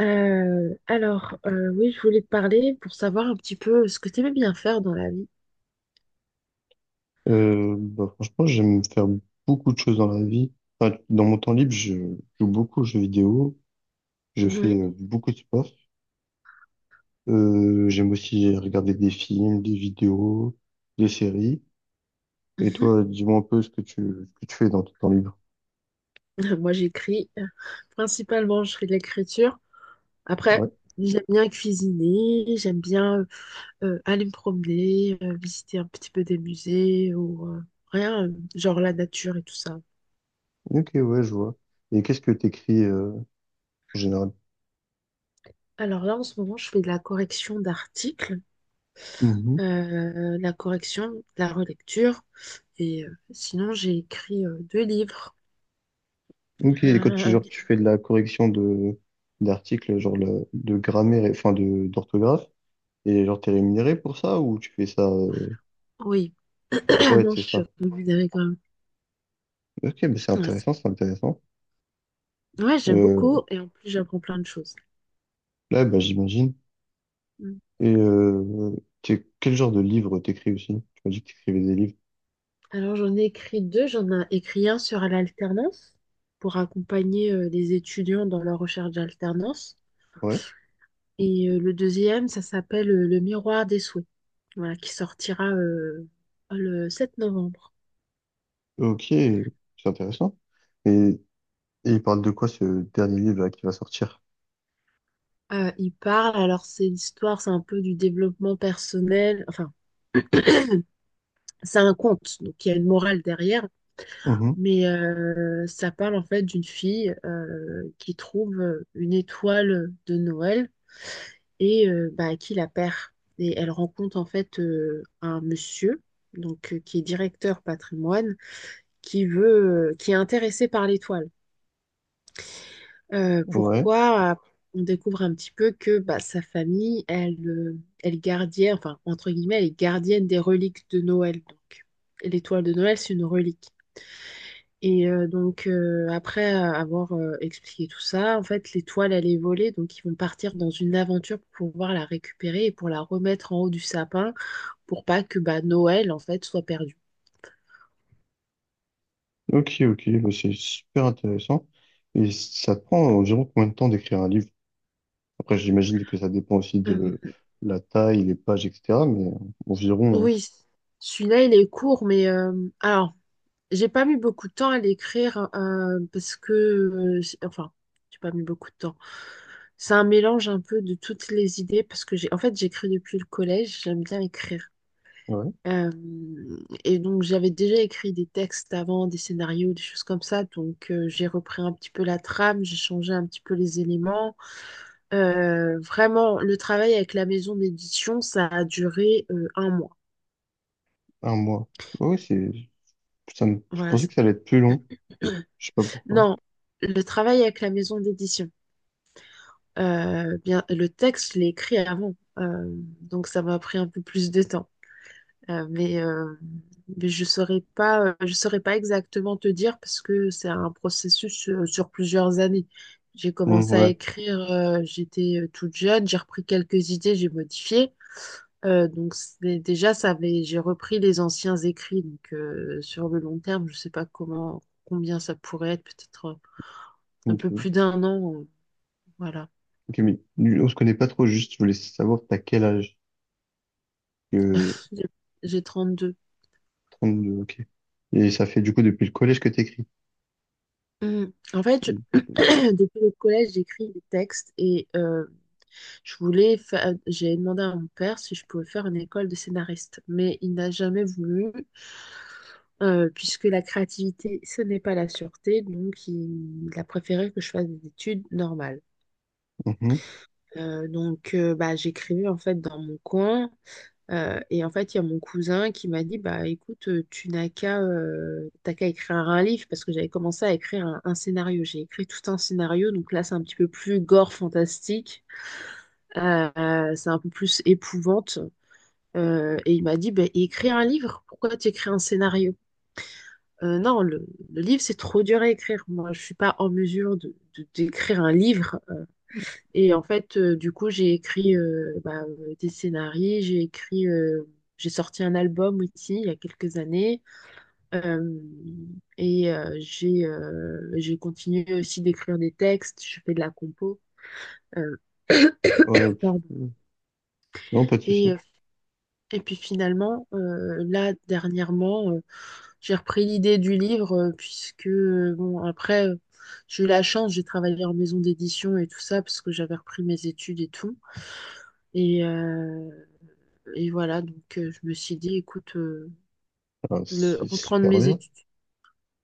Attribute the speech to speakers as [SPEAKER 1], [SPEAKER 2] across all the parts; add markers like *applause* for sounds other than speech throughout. [SPEAKER 1] Oui, je voulais te parler pour savoir un petit peu ce que tu aimais bien faire dans la vie.
[SPEAKER 2] Franchement, j'aime faire beaucoup de choses dans la vie. Enfin, dans mon temps libre, je joue beaucoup aux jeux vidéo, je
[SPEAKER 1] Oui.
[SPEAKER 2] fais beaucoup de sport. J'aime aussi regarder des films, des vidéos, des séries. Et toi,
[SPEAKER 1] *laughs*
[SPEAKER 2] dis-moi un peu ce que ce que tu fais dans ton temps libre.
[SPEAKER 1] Moi, j'écris. Principalement, je fais de l'écriture. Après,
[SPEAKER 2] Ouais.
[SPEAKER 1] j'aime bien cuisiner, j'aime bien aller me promener, visiter un petit peu des musées ou rien, genre la nature et tout ça.
[SPEAKER 2] Ok, ouais, je vois. Et qu'est-ce que t'écris en général?
[SPEAKER 1] Alors là, en ce moment, je fais de la correction d'articles,
[SPEAKER 2] Mhm.
[SPEAKER 1] la correction, la relecture. Et sinon, j'ai écrit deux livres.
[SPEAKER 2] Ok, et quand tu, genre, tu fais de la correction de d'articles, genre de grammaire, enfin de d'orthographe, et genre t'es rémunéré pour ça ou tu fais ça?
[SPEAKER 1] Oui, *clears throat*
[SPEAKER 2] Ouais,
[SPEAKER 1] non,
[SPEAKER 2] c'est
[SPEAKER 1] je suis
[SPEAKER 2] ça.
[SPEAKER 1] rémunérée quand même.
[SPEAKER 2] Ok, mais c'est
[SPEAKER 1] Ouais, c'est-
[SPEAKER 2] intéressant, c'est intéressant.
[SPEAKER 1] ouais, j'aime
[SPEAKER 2] Euh,
[SPEAKER 1] beaucoup et en plus j'apprends plein de choses.
[SPEAKER 2] là, bah, j'imagine.
[SPEAKER 1] Mm.
[SPEAKER 2] Et quel genre de livre t'écris aussi? Tu m'as dit que t'écrivais des livres.
[SPEAKER 1] Alors j'en ai écrit deux, j'en ai écrit un sur l'alternance pour accompagner les étudiants dans leur recherche d'alternance.
[SPEAKER 2] Ouais.
[SPEAKER 1] Et le deuxième, ça s'appelle Le miroir des souhaits, voilà, qui sortira le 7 novembre.
[SPEAKER 2] Ok, c'est intéressant. Et, et il parle de quoi ce dernier livre là, qui va sortir?
[SPEAKER 1] Il parle, alors c'est l'histoire, c'est un peu du développement personnel, enfin c'est un conte, donc il y a une morale derrière.
[SPEAKER 2] Mhm.
[SPEAKER 1] Mais ça parle en fait d'une fille qui trouve une étoile de Noël et bah, qui la perd. Et elle rencontre en fait un monsieur donc qui est directeur patrimoine qui veut qui est intéressé par l'étoile.
[SPEAKER 2] Ouais.
[SPEAKER 1] Pourquoi? On découvre un petit peu que bah, sa famille, elle, elle est gardienne, enfin entre guillemets, elle est gardienne des reliques de Noël. Donc et l'étoile de Noël, c'est une relique. Et donc, après avoir expliqué tout ça, en fait, l'étoile, elle est volée. Donc, ils vont partir dans une aventure pour pouvoir la récupérer et pour la remettre en haut du sapin pour pas que bah, Noël, en fait, soit perdu.
[SPEAKER 2] Ok, ok, bah, c'est super intéressant. Et ça te prend environ combien de temps d'écrire un livre? Après, j'imagine que ça dépend aussi
[SPEAKER 1] Euh,
[SPEAKER 2] de la taille, les pages, etc. Mais environ,
[SPEAKER 1] oui, celui-là, il est court, mais alors, j'ai pas mis beaucoup de temps à l'écrire parce que, c'est- enfin, j'ai pas mis beaucoup de temps. C'est un mélange un peu de toutes les idées parce que j'ai, en fait, j'écris depuis le collège, j'aime bien écrire.
[SPEAKER 2] hein. Ouais.
[SPEAKER 1] Euh, et donc j'avais déjà écrit des textes avant, des scénarios, des choses comme ça. Donc j'ai repris un petit peu la trame, j'ai changé un petit peu les éléments. Vraiment, le travail avec la maison d'édition, ça a duré un mois.
[SPEAKER 2] Un mois. Ouais, c'est, ça je
[SPEAKER 1] Voilà.
[SPEAKER 2] pensais que ça allait être plus long. Je sais pas pourquoi.
[SPEAKER 1] Non, le travail avec la maison d'édition. Bien, le texte, je l'ai écrit avant. Donc ça m'a pris un peu plus de temps. Euh, mais, euh, mais je saurais pas exactement te dire parce que c'est un processus sur plusieurs années. J'ai commencé à
[SPEAKER 2] Ouais,
[SPEAKER 1] écrire, j'étais toute jeune, j'ai repris quelques idées, j'ai modifié. Donc c'est- déjà, ça avait, j'ai repris les anciens écrits. Donc sur le long terme, je sais pas comment, combien ça pourrait être, peut-être un peu
[SPEAKER 2] ok.
[SPEAKER 1] plus d'un an. Voilà.
[SPEAKER 2] Ok, mais on se connaît pas trop, juste je voulais savoir t'as quel âge que
[SPEAKER 1] J'ai j'ai deux.
[SPEAKER 2] deux ok. Et ça fait du coup depuis le collège que t'écris.
[SPEAKER 1] Mm. En fait, *clears throat* depuis le collège, j'écris des textes et j'ai demandé à mon père si je pouvais faire une école de scénariste, mais il n'a jamais voulu, puisque la créativité, ce n'est pas la sûreté, donc il a préféré que je fasse des études normales.
[SPEAKER 2] Mhm.
[SPEAKER 1] Donc, bah, j'écrivais en fait dans mon coin. Et en fait, il y a mon cousin qui m'a dit, bah écoute, tu n'as qu'à t'as qu'à écrire un livre parce que j'avais commencé à écrire un scénario. J'ai écrit tout un scénario, donc là c'est un petit peu plus gore fantastique. C'est un peu plus épouvante. Et il m'a dit, bah écris un livre. Pourquoi tu écris un scénario? Non, le livre c'est trop dur à écrire. Moi, je suis pas en mesure d'écrire un livre. Et en fait, du coup, j'ai écrit des scénarios, j'ai écrit, j'ai sorti un album aussi il y a quelques années. Euh, et j'ai continué aussi d'écrire des textes, je fais de la compo. Euh,
[SPEAKER 2] Ok.
[SPEAKER 1] Pardon.
[SPEAKER 2] Non, pas de
[SPEAKER 1] Et,
[SPEAKER 2] souci.
[SPEAKER 1] euh, et puis finalement, dernièrement, j'ai repris l'idée du livre, puisque, bon, après, j'ai eu la chance, j'ai travaillé en maison d'édition et tout ça, parce que j'avais repris mes études et tout. Et, euh, Et voilà, donc je me suis dit, écoute,
[SPEAKER 2] Ah,
[SPEAKER 1] le,
[SPEAKER 2] c'est
[SPEAKER 1] reprendre
[SPEAKER 2] super
[SPEAKER 1] mes
[SPEAKER 2] bien.
[SPEAKER 1] études.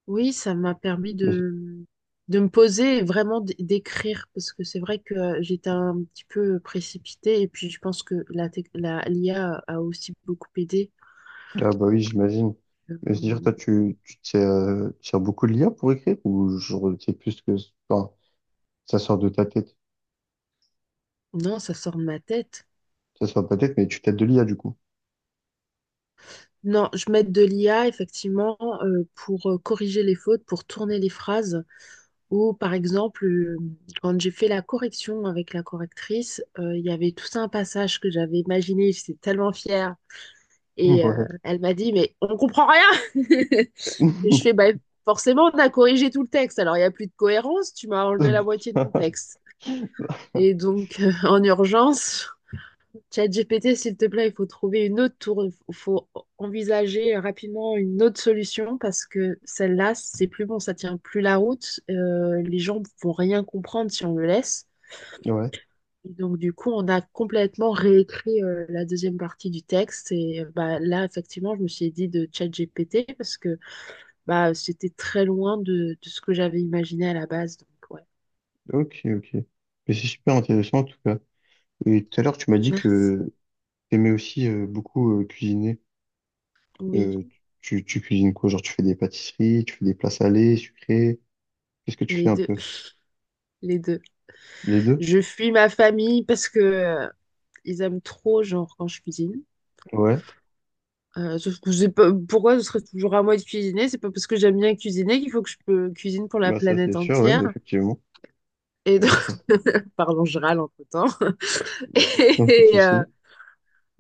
[SPEAKER 1] Oui, ça m'a permis
[SPEAKER 2] Mais-
[SPEAKER 1] de me poser et vraiment d'écrire, parce que c'est vrai que j'étais un petit peu précipitée, et puis je pense que l'IA a aussi beaucoup aidé.
[SPEAKER 2] Ah bah oui, j'imagine. Mais c'est-à-dire, toi,
[SPEAKER 1] Euh,
[SPEAKER 2] tu te sers beaucoup de l'IA pour écrire ou genre, c'est plus que, enfin, ça sort de ta tête.
[SPEAKER 1] non, ça sort de ma tête.
[SPEAKER 2] Ça sort de ta tête, mais tu t'aides de l'IA, du coup.
[SPEAKER 1] Non, je mets de l'IA, effectivement, pour corriger les fautes, pour tourner les phrases. Ou par exemple, quand j'ai fait la correction avec la correctrice, il y avait tout ça un passage que j'avais imaginé, j'étais tellement fière. Et
[SPEAKER 2] Ouais.
[SPEAKER 1] elle m'a dit, mais on comprend rien. *laughs* Et je fais, bah,
[SPEAKER 2] *laughs*
[SPEAKER 1] forcément, on a corrigé tout le texte. Alors, il n'y a plus de cohérence, tu m'as enlevé la moitié de mon texte. Et donc, *laughs* en urgence, ChatGPT, s'il te plaît, il faut trouver une autre tour, il faut envisager rapidement une autre solution parce que celle-là, c'est plus bon, ça tient plus la route. Les gens vont rien comprendre si on le laisse.
[SPEAKER 2] Ouais,
[SPEAKER 1] Et donc, du coup, on a complètement réécrit la deuxième partie du texte. Et là, effectivement, je me suis dit de ChatGPT parce que bah, c'était très loin de ce que j'avais imaginé à la base. Donc, ouais.
[SPEAKER 2] ok, ok. Mais c'est super intéressant, en tout cas. Et tout à l'heure, tu m'as dit
[SPEAKER 1] Merci.
[SPEAKER 2] que t'aimais aussi beaucoup cuisiner.
[SPEAKER 1] Oui,
[SPEAKER 2] Euh, Tu cuisines quoi? Genre, tu fais des pâtisseries, tu fais des plats salés, sucrés. Qu'est-ce que tu
[SPEAKER 1] les
[SPEAKER 2] fais un
[SPEAKER 1] deux.
[SPEAKER 2] peu?
[SPEAKER 1] Les deux.
[SPEAKER 2] Les deux?
[SPEAKER 1] Je fuis ma famille parce que ils aiment trop, genre, quand je cuisine.
[SPEAKER 2] Ouais.
[SPEAKER 1] Sauf que j'ai pas... pourquoi ce serait toujours à moi de cuisiner? C'est pas parce que j'aime bien cuisiner qu'il faut que je peux cuisine pour la
[SPEAKER 2] Bah, ça,
[SPEAKER 1] planète
[SPEAKER 2] c'est sûr, oui,
[SPEAKER 1] entière.
[SPEAKER 2] effectivement.
[SPEAKER 1] Et donc,
[SPEAKER 2] Bah, ça,
[SPEAKER 1] *laughs* pardon, je râle entre-temps. *laughs*
[SPEAKER 2] *laughs* non, pas de
[SPEAKER 1] Et, euh,
[SPEAKER 2] souci.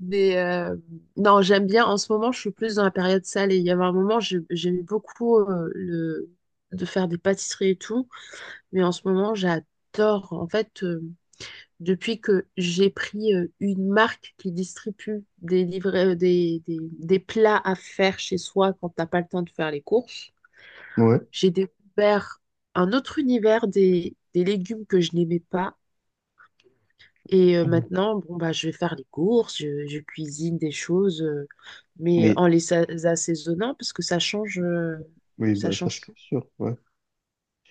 [SPEAKER 1] mais euh, non, j'aime bien. En ce moment, je suis plus dans la période salée. Il y avait un moment, j'aimais beaucoup le... de faire des pâtisseries et tout. Mais en ce moment, j'adore. En fait, depuis que j'ai pris une marque qui distribue des livrets, des plats à faire chez soi quand t'as pas le temps de faire les courses,
[SPEAKER 2] Ouais.
[SPEAKER 1] j'ai découvert un autre univers des légumes que je n'aimais pas. Et maintenant, bon, bah, je vais faire les courses, je cuisine des choses, mais
[SPEAKER 2] Mais,
[SPEAKER 1] en les assaisonnant parce que
[SPEAKER 2] oui,
[SPEAKER 1] ça
[SPEAKER 2] bah, ça,
[SPEAKER 1] change
[SPEAKER 2] c'est
[SPEAKER 1] tout.
[SPEAKER 2] sûr, ouais.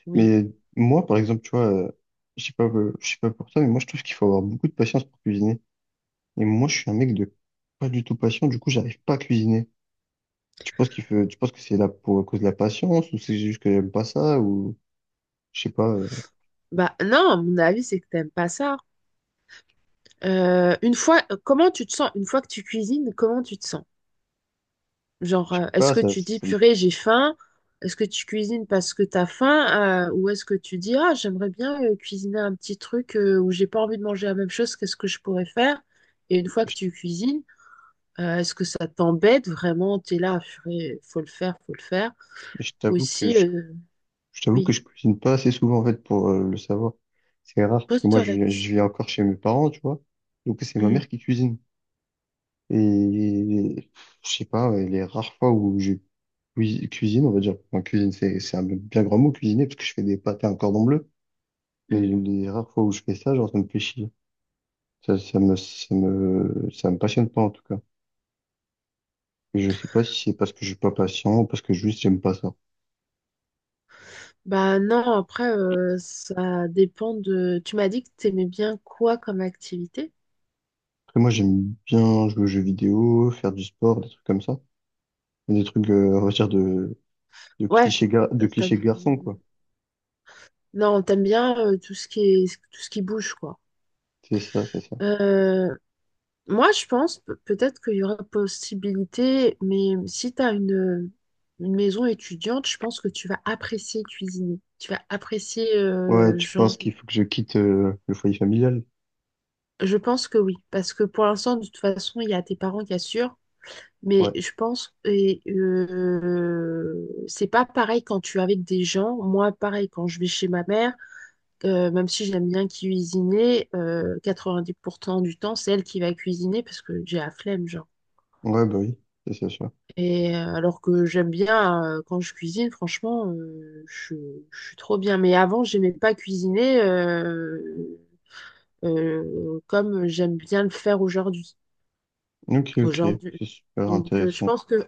[SPEAKER 1] Oui.
[SPEAKER 2] Mais moi, par exemple, tu vois, je sais pas pour toi, mais moi, je trouve qu'il faut avoir beaucoup de patience pour cuisiner. Et moi, je suis un mec de pas du tout patient, du coup, j'arrive pas à cuisiner. Tu penses tu penses que c'est là pour à cause de la patience ou c'est juste que j'aime pas ça ou je sais pas,
[SPEAKER 1] Bah non, à mon avis, c'est que t'aimes pas ça. Comment tu te sens? Une fois que tu cuisines, comment tu te sens? Genre,
[SPEAKER 2] je sais
[SPEAKER 1] est-ce
[SPEAKER 2] pas,
[SPEAKER 1] que
[SPEAKER 2] ça,
[SPEAKER 1] tu dis,
[SPEAKER 2] ça me-
[SPEAKER 1] purée, j'ai faim? Est-ce que tu cuisines parce que t'as faim? Ou est-ce que tu dis, ah, j'aimerais bien cuisiner un petit truc où j'ai pas envie de manger la même chose, qu'est-ce que je pourrais faire? Et une fois
[SPEAKER 2] je,
[SPEAKER 1] que tu cuisines, est-ce que ça t'embête vraiment? T'es là, purée, faut le faire, faut le faire.
[SPEAKER 2] je t'avoue que
[SPEAKER 1] Aussi,
[SPEAKER 2] je,
[SPEAKER 1] euh,
[SPEAKER 2] je t'avoue que
[SPEAKER 1] oui,
[SPEAKER 2] je cuisine pas assez souvent en fait pour le savoir. C'est rare parce que
[SPEAKER 1] pose-toi la
[SPEAKER 2] je vis
[SPEAKER 1] question.
[SPEAKER 2] encore chez mes parents, tu vois. Donc c'est ma
[SPEAKER 1] Mm,
[SPEAKER 2] mère qui cuisine et je sais pas, ouais, les rares fois où je cuisine, on va dire, enfin, cuisine c'est un bien grand mot cuisiner parce que je fais des pâtes à un cordon bleu, mais
[SPEAKER 1] mm.
[SPEAKER 2] les rares fois où je fais ça, genre ça me fait chier. Ça, ça me passionne pas en tout cas. Je sais pas si c'est parce que je suis pas patient ou parce que juste j'aime pas ça.
[SPEAKER 1] Bah non, après, ça dépend de... Tu m'as dit que t'aimais bien quoi comme activité?
[SPEAKER 2] Après, moi, j'aime bien jouer aux jeux vidéo, faire du sport, des trucs comme ça. Des trucs, on va dire,
[SPEAKER 1] Ouais,
[SPEAKER 2] de
[SPEAKER 1] t'as- t'as-
[SPEAKER 2] clichés garçons, quoi.
[SPEAKER 1] Non, t'aimes bien tout ce qui est, tout ce qui bouge, quoi.
[SPEAKER 2] C'est ça, c'est ça.
[SPEAKER 1] Euh, Moi, je pense peut-être qu'il y aura possibilité, mais si t'as une maison étudiante, je pense que tu vas apprécier cuisiner. Tu vas apprécier,
[SPEAKER 2] Ouais, tu penses
[SPEAKER 1] genre,
[SPEAKER 2] qu'il faut que je quitte, le foyer familial?
[SPEAKER 1] je pense que oui, parce que pour l'instant, de toute façon, il y a tes parents qui assurent, mais
[SPEAKER 2] Ouais.
[SPEAKER 1] je pense, et c'est pas pareil quand tu es avec des gens. Moi, pareil, quand je vais chez ma mère. Même si j'aime bien cuisiner, 90% du temps, c'est elle qui va cuisiner parce que j'ai la flemme, genre.
[SPEAKER 2] Ouais, bah oui, ça.
[SPEAKER 1] Et alors que j'aime bien quand je cuisine, franchement, je suis trop bien. Mais avant, j'aimais pas cuisiner comme j'aime bien le faire aujourd'hui.
[SPEAKER 2] Ok, ok.
[SPEAKER 1] Aujourd'hui.
[SPEAKER 2] C'est super
[SPEAKER 1] Donc, je
[SPEAKER 2] intéressant.
[SPEAKER 1] pense que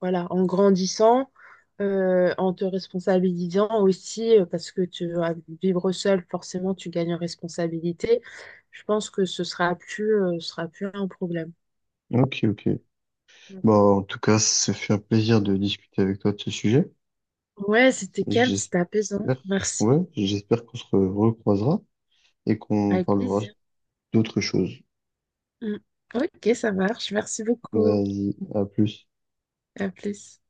[SPEAKER 1] voilà, en grandissant, en te responsabilisant aussi, parce que tu vas vivre seul, forcément, tu gagnes en responsabilité. Je pense que ce sera plus un problème.
[SPEAKER 2] Ok, ok.
[SPEAKER 1] Mm.
[SPEAKER 2] Bon, en tout cas, ça fait un plaisir de discuter avec toi de ce sujet.
[SPEAKER 1] Ouais, c'était calme, c'était apaisant.
[SPEAKER 2] J'espère,
[SPEAKER 1] Merci.
[SPEAKER 2] ouais, j'espère qu'on se recroisera et qu'on
[SPEAKER 1] Avec
[SPEAKER 2] parlera
[SPEAKER 1] plaisir.
[SPEAKER 2] d'autres choses.
[SPEAKER 1] Mm. Ok, ça marche. Merci beaucoup.
[SPEAKER 2] Vas-y, à plus.
[SPEAKER 1] À plus.